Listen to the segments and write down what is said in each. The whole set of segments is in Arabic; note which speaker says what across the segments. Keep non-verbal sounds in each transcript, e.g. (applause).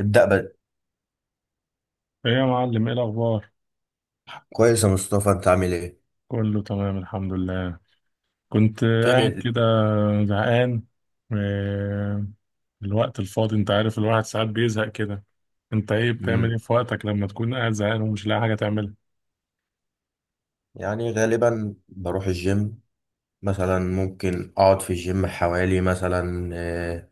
Speaker 1: ابدأ بقى.
Speaker 2: ايه يا معلم، ايه الاخبار؟
Speaker 1: كويس يا مصطفى، انت عامل ايه؟
Speaker 2: كله تمام، الحمد لله. كنت قاعد
Speaker 1: تعمل.
Speaker 2: كده زهقان، آه، الوقت الفاضي انت عارف، الواحد ساعات بيزهق كده. انت ايه بتعمل،
Speaker 1: امم
Speaker 2: ايه في وقتك لما تكون قاعد زهقان ومش لاقي حاجه تعملها؟
Speaker 1: يعني غالبا بروح الجيم. مثلا ممكن اقعد في الجيم حوالي مثلا،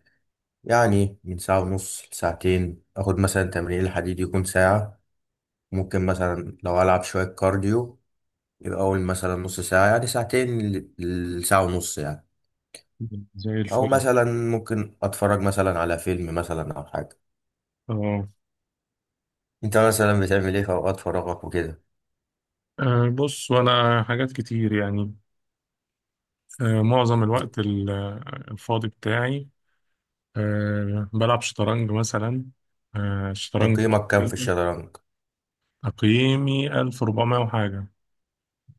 Speaker 1: يعني من ساعة ونص لساعتين. اخد مثلا تمرين الحديد يكون ساعة. ممكن مثلا لو العب شوية كارديو، يبقى اول مثلا نص ساعة، يعني ساعتين لساعة ونص يعني.
Speaker 2: زي
Speaker 1: او
Speaker 2: الفل.
Speaker 1: مثلا ممكن اتفرج مثلا على فيلم مثلا او حاجة.
Speaker 2: اه،
Speaker 1: انت مثلا بتعمل ايه في اوقات فراغك وكده؟
Speaker 2: بص، وانا حاجات كتير يعني. معظم الوقت الفاضي بتاعي، بلعب شطرنج مثلا. الشطرنج
Speaker 1: تقييمك كام في الشطرنج؟
Speaker 2: تقييمي 1400 وحاجه.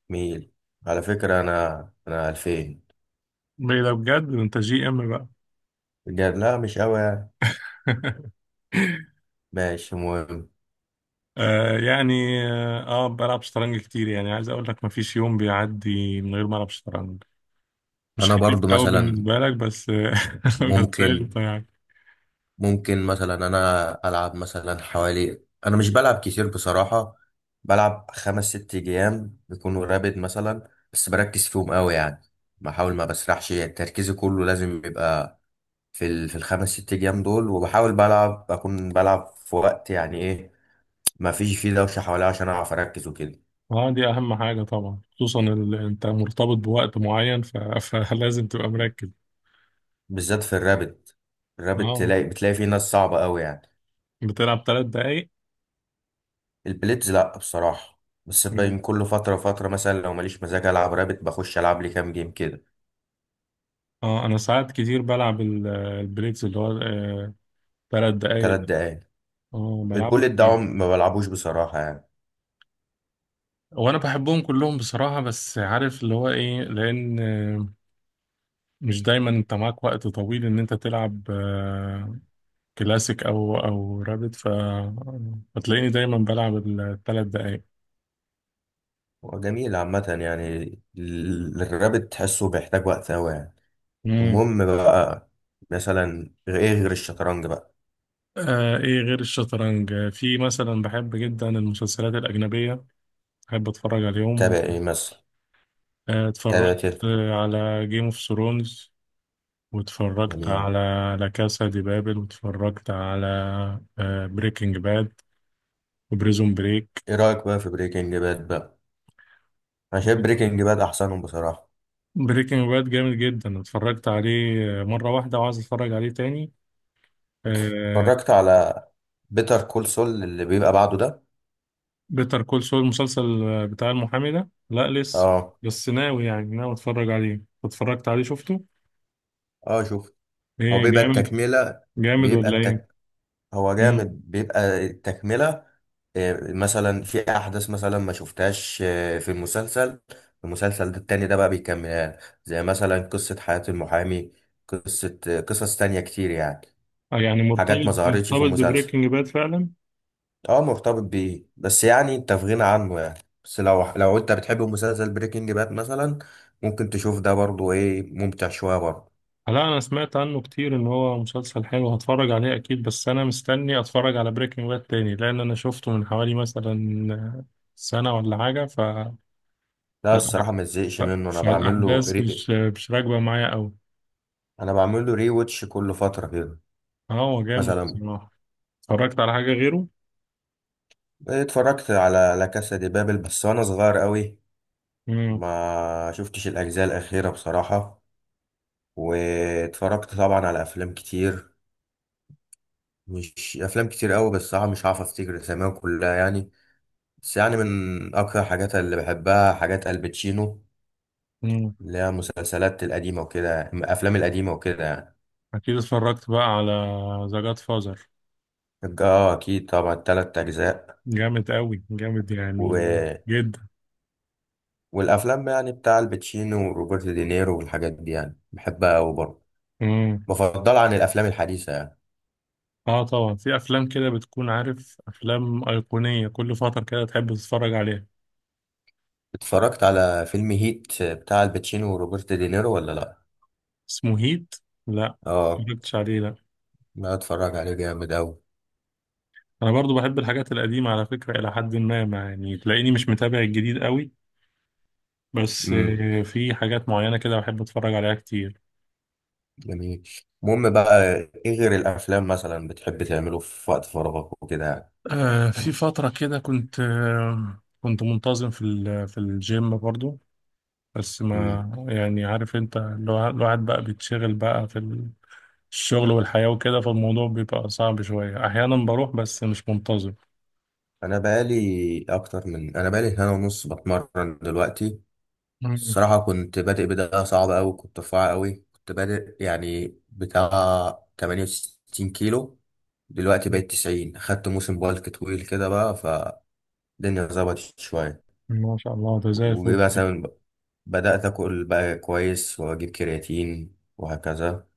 Speaker 1: ميل. على فكرة أنا 2000.
Speaker 2: ده بجد، ده انت جي ام بقى.
Speaker 1: بجد لا، مش أوي يعني.
Speaker 2: (laughs)
Speaker 1: ماشي مهم.
Speaker 2: يعني بلعب شطرنج كتير، يعني عايز اقول لك مفيش يوم بيعدي من غير ما العب شطرنج. مش
Speaker 1: أنا
Speaker 2: حريف
Speaker 1: برضو
Speaker 2: قوي
Speaker 1: مثلا
Speaker 2: بالنسبه لك بس (laughs) بس.
Speaker 1: ممكن
Speaker 2: قشطه يعني.
Speaker 1: ممكن مثلا أنا ألعب مثلا حوالي. أنا مش بلعب كتير بصراحة. بلعب خمس ست جيام بيكونوا رابد مثلا، بس بركز فيهم أوي يعني. بحاول ما بسرحش، تركيزي كله لازم يبقى في الخمس ست جيام دول. وبحاول بلعب، أكون بلعب في وقت يعني إيه، ما فيش فيه دوشة حواليا عشان أعرف أركز وكده.
Speaker 2: اه، دي اهم حاجه طبعا، خصوصا انت مرتبط بوقت معين (laughs) فلازم تبقى مركز.
Speaker 1: بالذات في الرابت. الرابت
Speaker 2: اه،
Speaker 1: بتلاقي فيه ناس صعبة قوي يعني.
Speaker 2: بتلعب ثلاث دقايق.
Speaker 1: البليتز لأ بصراحة، بس باين كل فترة فترة مثلا لو ماليش مزاج ألعب رابت بخش ألعب لي كام جيم كده.
Speaker 2: اه انا ساعات كتير بلعب البريكس اللي هو ثلاث دقايق
Speaker 1: تلات
Speaker 2: دي.
Speaker 1: دقايق.
Speaker 2: اه بلعبه
Speaker 1: البوليت ده
Speaker 2: كتير.
Speaker 1: ما بلعبوش بصراحة يعني.
Speaker 2: وانا بحبهم كلهم بصراحة، بس عارف اللي هو ايه، لان مش دايما انت معاك وقت طويل ان انت تلعب كلاسيك او رابد، فتلاقيني دايما بلعب الثلاث دقايق.
Speaker 1: هو جميل عامة يعني. الرابت تحسه بيحتاج وقت أوي يعني.
Speaker 2: مم.
Speaker 1: المهم بقى، مثلا إيه غير الشطرنج بقى؟
Speaker 2: ايه غير الشطرنج؟ في مثلا بحب جدا المسلسلات الأجنبية، بحب اتفرج
Speaker 1: تابع
Speaker 2: عليهم.
Speaker 1: إيه مثلا؟
Speaker 2: اتفرجت
Speaker 1: تابع تلت.
Speaker 2: على جيم اوف ثرونز، واتفرجت
Speaker 1: جميل.
Speaker 2: على لا كاسا دي بابل، واتفرجت على بريكنج باد وبريزون بريك.
Speaker 1: إيه رأيك بقى في بريكنج باد بقى؟ أنا شايف بريكنج باد أحسنهم بصراحة.
Speaker 2: بريكنج باد جامد جدا، اتفرجت عليه مرة واحدة وعايز اتفرج عليه تاني. آه،
Speaker 1: اتفرجت على بيتر كول سول اللي بيبقى بعده ده؟
Speaker 2: بيتر كول سول، المسلسل بتاع المحامي ده، لا لسه،
Speaker 1: اه.
Speaker 2: بس ناوي يعني ناوي اتفرج عليه. اتفرجت عليه، شفته؟
Speaker 1: اه شوف، هو
Speaker 2: ايه،
Speaker 1: بيبقى
Speaker 2: جامد
Speaker 1: التكملة.
Speaker 2: جامد
Speaker 1: بيبقى
Speaker 2: ولا ايه؟
Speaker 1: التك هو
Speaker 2: مم.
Speaker 1: جامد، بيبقى التكملة. مثلا في احداث مثلا ما شفتهاش في المسلسل. المسلسل ده التاني ده بقى بيكملها. زي مثلا قصة حياة المحامي. قصة قصص تانية كتير يعني.
Speaker 2: يعني مرتبط،
Speaker 1: حاجات ما ظهرتش في
Speaker 2: مرتبط
Speaker 1: المسلسل.
Speaker 2: ببريكنج باد فعلا.
Speaker 1: اه مرتبط بيه، بس يعني انت في غنى عنه يعني، بس لو انت بتحب مسلسل بريكنج باد مثلا ممكن تشوف ده برضو، ايه ممتع شويه برضو.
Speaker 2: لا، انا سمعت عنه كتير ان هو مسلسل حلو، هتفرج عليه اكيد، بس انا مستني اتفرج على بريكنج باد تاني، لان انا شفته من حوالي مثلا سنة ولا حاجة،
Speaker 1: ده الصراحه
Speaker 2: فالأح-
Speaker 1: ما تزهقش
Speaker 2: ف-
Speaker 1: منه، انا بعمل له
Speaker 2: فالأحداث مش راكبة معايا أوي.
Speaker 1: انا بعمل له ري واتش كل فتره كده.
Speaker 2: اه، هو جامد
Speaker 1: مثلا
Speaker 2: بصراحة. اتفرجت على حاجة غيره؟
Speaker 1: اتفرجت على لا كاسا دي بابل بس وانا صغير قوي.
Speaker 2: مم.
Speaker 1: ما شفتش الاجزاء الاخيره بصراحه. واتفرجت طبعا على افلام كتير. مش افلام كتير قوي بس صراحه مش هعرف افتكر اساميهم كلها يعني. بس يعني من أكتر حاجات اللي بحبها حاجات الباتشينو،
Speaker 2: مم.
Speaker 1: اللي هي المسلسلات القديمة وكده الأفلام القديمة وكده يعني.
Speaker 2: أكيد اتفرجت بقى على ذا جاد فازر.
Speaker 1: اه أكيد طبعا تلات أجزاء.
Speaker 2: جامد أوي، جامد يعني
Speaker 1: و...
Speaker 2: جدا.
Speaker 1: والأفلام يعني بتاع الباتشينو وروبرت دينيرو والحاجات دي يعني بحبها أوي برضه.
Speaker 2: مم.
Speaker 1: بفضلها عن الأفلام الحديثة يعني.
Speaker 2: اه طبعا، في أفلام كده بتكون عارف، أفلام أيقونية كل فترة كده تحب تتفرج عليها.
Speaker 1: اتفرجت على فيلم هيت بتاع الباتشينو وروبرت دينيرو ولا لأ؟
Speaker 2: اسمه هيت؟ لا،
Speaker 1: اه.
Speaker 2: مجبتش عليه، لا.
Speaker 1: لا اتفرج عليه جامد أوي.
Speaker 2: أنا برضو بحب الحاجات القديمة على فكرة، إلى حد ما يعني تلاقيني مش متابع الجديد أوي، بس
Speaker 1: امم
Speaker 2: في حاجات معينة كده بحب أتفرج عليها كتير.
Speaker 1: جميل. المهم بقى، ايه غير الأفلام مثلا بتحب تعمله في وقت فراغك وكده؟
Speaker 2: في فترة كده كنت كنت منتظم في في الجيم برضو، بس
Speaker 1: يعني
Speaker 2: ما يعني عارف أنت الواحد بقى بيتشغل بقى في الشغل والحياة وكده، فالموضوع بيبقى صعب شوية، أحيانا بروح بس مش منتظم.
Speaker 1: انا بقالي سنه ونص بتمرن دلوقتي.
Speaker 2: مم.
Speaker 1: الصراحه كنت بادئ بدايه صعبه قوي، كنت رفيع قوي، كنت بادئ يعني بتاع 68 كيلو. دلوقتي بقيت 90. خدت موسم بالك طويل كده بقى فالدنيا، ظبطت شويه.
Speaker 2: ما شاء الله، ده زي الفل.
Speaker 1: ومثلا بدات اكل بقى كويس واجيب كرياتين وهكذا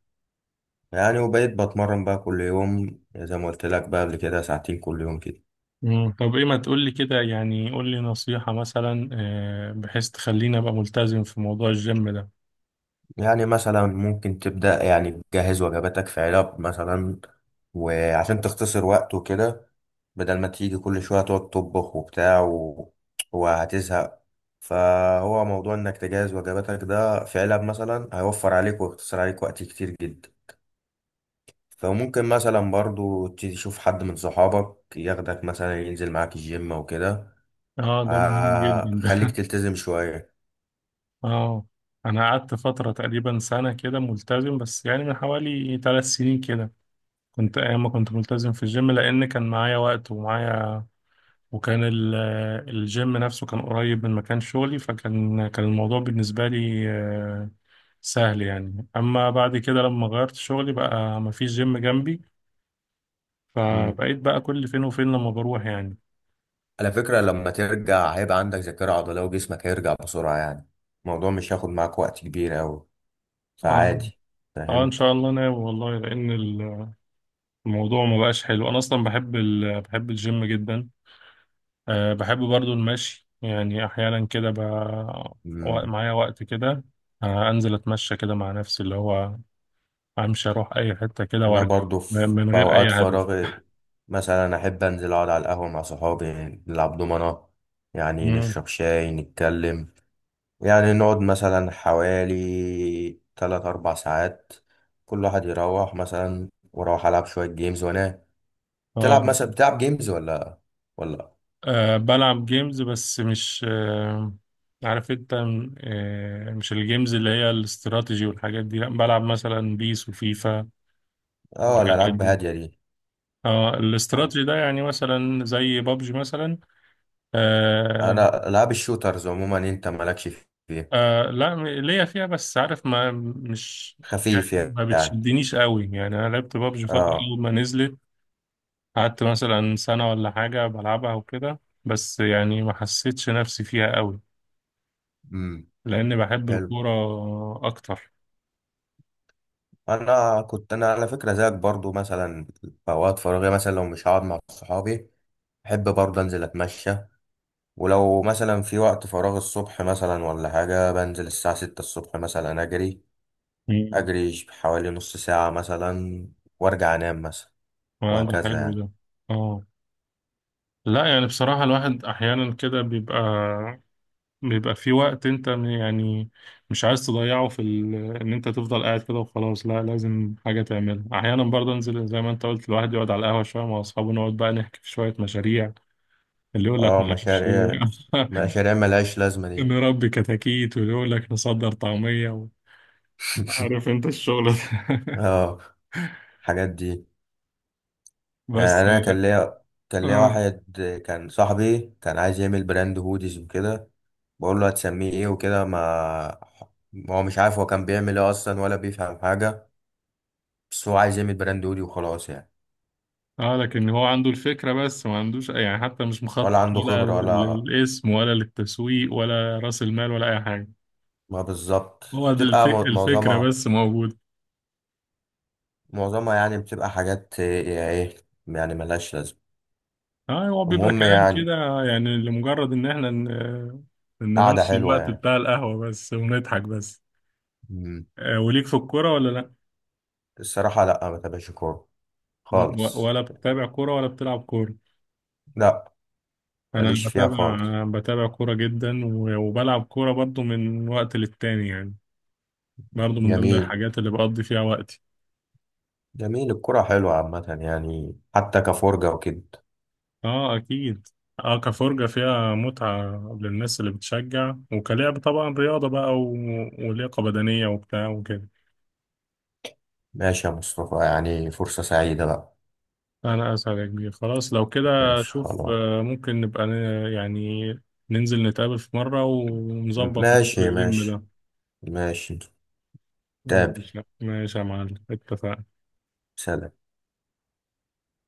Speaker 1: يعني. وبقيت بتمرن بقى كل يوم زي ما قلت لك بقى قبل كده، ساعتين كل يوم كده.
Speaker 2: مم. طب إيه، ما تقولي كده، يعني قولي نصيحة مثلا بحيث تخليني أبقى ملتزم في موضوع الجيم ده.
Speaker 1: يعني مثلا ممكن تبدأ يعني تجهز وجباتك في علب مثلا، وعشان تختصر وقت وكده. بدل ما تيجي كل شوية تقعد تطبخ وبتاع وهتزهق. فهو موضوع انك تجهز وجباتك ده في علب مثلا هيوفر عليك ويختصر عليك وقت كتير جدا. فممكن مثلا برضو تشوف حد من صحابك ياخدك مثلا ينزل معاك الجيم وكده.
Speaker 2: اه، ده مهم جدا.
Speaker 1: خليك تلتزم شوية.
Speaker 2: اه، انا قعدت فتره تقريبا سنه كده ملتزم، بس يعني من حوالي ثلاث سنين كده كنت، ايام ما كنت ملتزم في الجيم، لان كان معايا وقت ومعايا، وكان ال- الجيم نفسه كان قريب من مكان شغلي، فكان الموضوع بالنسبه لي سهل يعني. اما بعد كده لما غيرت شغلي بقى مفيش جيم جنبي، فبقيت بقى كل فين وفين لما بروح يعني.
Speaker 1: على فكرة لما ترجع هيبقى عندك ذاكرة عضلية وجسمك هيرجع بسرعة يعني. الموضوع مش هياخد معاك وقت كبير أوي،
Speaker 2: اه.
Speaker 1: فعادي.
Speaker 2: اه ان
Speaker 1: فاهم.
Speaker 2: شاء الله، ناوي والله لان الموضوع ما بقاش حلو، انا اصلا بحب بحب الجيم جدا. أه بحب برضو المشي، يعني أحيانا كده
Speaker 1: مم.
Speaker 2: معايا وقت كده، أه أنزل أتمشى كده مع نفسي، اللي هو أمشي أروح أي حتة كده
Speaker 1: أنا
Speaker 2: وأرجع،
Speaker 1: برضو في
Speaker 2: من
Speaker 1: في
Speaker 2: غير
Speaker 1: أوقات
Speaker 2: أي هدف.
Speaker 1: فراغي مثلا أحب أنزل أقعد على القهوة مع صحابي. نلعب دومنة. يعني
Speaker 2: مم.
Speaker 1: نشرب شاي، نتكلم يعني. نقعد مثلا حوالي تلات أربع ساعات، كل واحد يروح مثلا وأروح ألعب شوية جيمز وأنام.
Speaker 2: أه
Speaker 1: تلعب مثلا، بتلعب جيمز ولا.
Speaker 2: أه، بلعب جيمز، بس مش عارف أنت م- أه مش الجيمز اللي هي الاستراتيجي والحاجات دي، لأ، بلعب مثلا بيس وفيفا
Speaker 1: اه
Speaker 2: والحاجات
Speaker 1: الألعاب
Speaker 2: دي.
Speaker 1: هادية دي.
Speaker 2: اه
Speaker 1: آه.
Speaker 2: الاستراتيجي ده، يعني مثلا زي بابجي مثلا. آه،
Speaker 1: انا العاب الشوترز عموما انت مالكش فيها.
Speaker 2: لا، ليا فيها، بس عارف ما مش
Speaker 1: خفيف
Speaker 2: يعني، ما
Speaker 1: يعني.
Speaker 2: بتشدنيش قوي يعني. انا لعبت بابجي فترة
Speaker 1: اه.
Speaker 2: اول ما نزلت، قعدت مثلا سنة ولا حاجة بلعبها وكده، بس يعني ما حسيتش نفسي فيها قوي
Speaker 1: امم
Speaker 2: لاني بحب
Speaker 1: حلو.
Speaker 2: الكورة اكتر.
Speaker 1: انا على فكره زيك برضو مثلا في اوقات فراغي مثلا لو مش هقعد مع صحابي بحب برضو انزل اتمشى. ولو مثلا في وقت فراغ الصبح مثلا ولا حاجه بنزل الساعه 6 الصبح مثلا اجري.
Speaker 2: امم
Speaker 1: حوالي نص ساعه مثلا وارجع انام مثلا
Speaker 2: ده
Speaker 1: وهكذا
Speaker 2: حلو ده.
Speaker 1: يعني.
Speaker 2: اه. لا يعني بصراحة، الواحد احيانا كده بيبقى في وقت انت يعني مش عايز تضيعه في ان انت تفضل قاعد كده وخلاص، لا لازم حاجة تعملها، احيانا برضه انزل زي ما انت قلت، الواحد يقعد على القهوة شوية مع اصحابه، نقعد بقى نحكي في شوية مشاريع، اللي يقول لك
Speaker 1: اه
Speaker 2: معرفش ايه،
Speaker 1: مشاريع. مشاريع ملهاش لازمه
Speaker 2: (laughs)
Speaker 1: دي.
Speaker 2: نربي كتاكيت، واللي يقول لك نصدر طعمية عارف انت الشغل
Speaker 1: (laughs)
Speaker 2: ده.
Speaker 1: اه الحاجات دي.
Speaker 2: (laughs) بس.
Speaker 1: انا كان ليا
Speaker 2: اه.
Speaker 1: واحد كان صاحبي كان عايز يعمل براند هوديز وكده. بقول له هتسميه ايه وكده. ما هو مش عارف هو كان بيعمل ايه اصلا ولا بيفهم حاجه، بس هو عايز يعمل براند هودي وخلاص يعني.
Speaker 2: اه لكن هو عنده الفكرة، بس ما عندوش يعني، حتى مش
Speaker 1: ولا
Speaker 2: مخطط
Speaker 1: عنده
Speaker 2: ولا
Speaker 1: خبره ولا.
Speaker 2: للاسم ولا للتسويق ولا رأس المال ولا اي حاجة.
Speaker 1: ما بالظبط.
Speaker 2: هو ده
Speaker 1: بتبقى
Speaker 2: الفكرة بس موجودة.
Speaker 1: معظمها يعني بتبقى حاجات ايه يعني ملهاش لازمه.
Speaker 2: اه، هو بيبقى
Speaker 1: المهم
Speaker 2: كلام كده،
Speaker 1: يعني.
Speaker 2: يعني لمجرد ان احنا
Speaker 1: قعده
Speaker 2: نمشي
Speaker 1: حلوه
Speaker 2: الوقت
Speaker 1: يعني.
Speaker 2: بتاع القهوة بس، ونضحك بس.
Speaker 1: مم.
Speaker 2: وليك في الكورة ولا لا؟
Speaker 1: الصراحه لا ما تابعش كوره خالص.
Speaker 2: ولا بتتابع كورة ولا بتلعب كورة؟
Speaker 1: لا
Speaker 2: انا
Speaker 1: ماليش فيها
Speaker 2: بتابع،
Speaker 1: خالص.
Speaker 2: بتابع كورة جدا، وبلعب كورة برضو من وقت للتاني يعني، برضو من ضمن والله
Speaker 1: جميل.
Speaker 2: الحاجات اللي بقضي فيها وقتي.
Speaker 1: جميل الكرة حلوة عامة يعني حتى كفرجة وكده.
Speaker 2: اه اكيد. اه كفرجة فيها متعة للناس اللي بتشجع، وكلعب طبعا رياضة بقى ولياقة بدنية وبتاع وكده.
Speaker 1: ماشي يا مصطفى، يعني فرصة سعيدة بقى.
Speaker 2: أنا أسعد يا كبير، خلاص لو كده
Speaker 1: ماشي
Speaker 2: شوف،
Speaker 1: خلاص.
Speaker 2: ممكن نبقى يعني ننزل نتقابل في مرة ونظبط موضوع
Speaker 1: ماشي،
Speaker 2: الجيم
Speaker 1: ماشي،
Speaker 2: ده.
Speaker 1: ماشي. تابع.
Speaker 2: ماشي ماشي يا معلم، اتفقنا.
Speaker 1: سلام.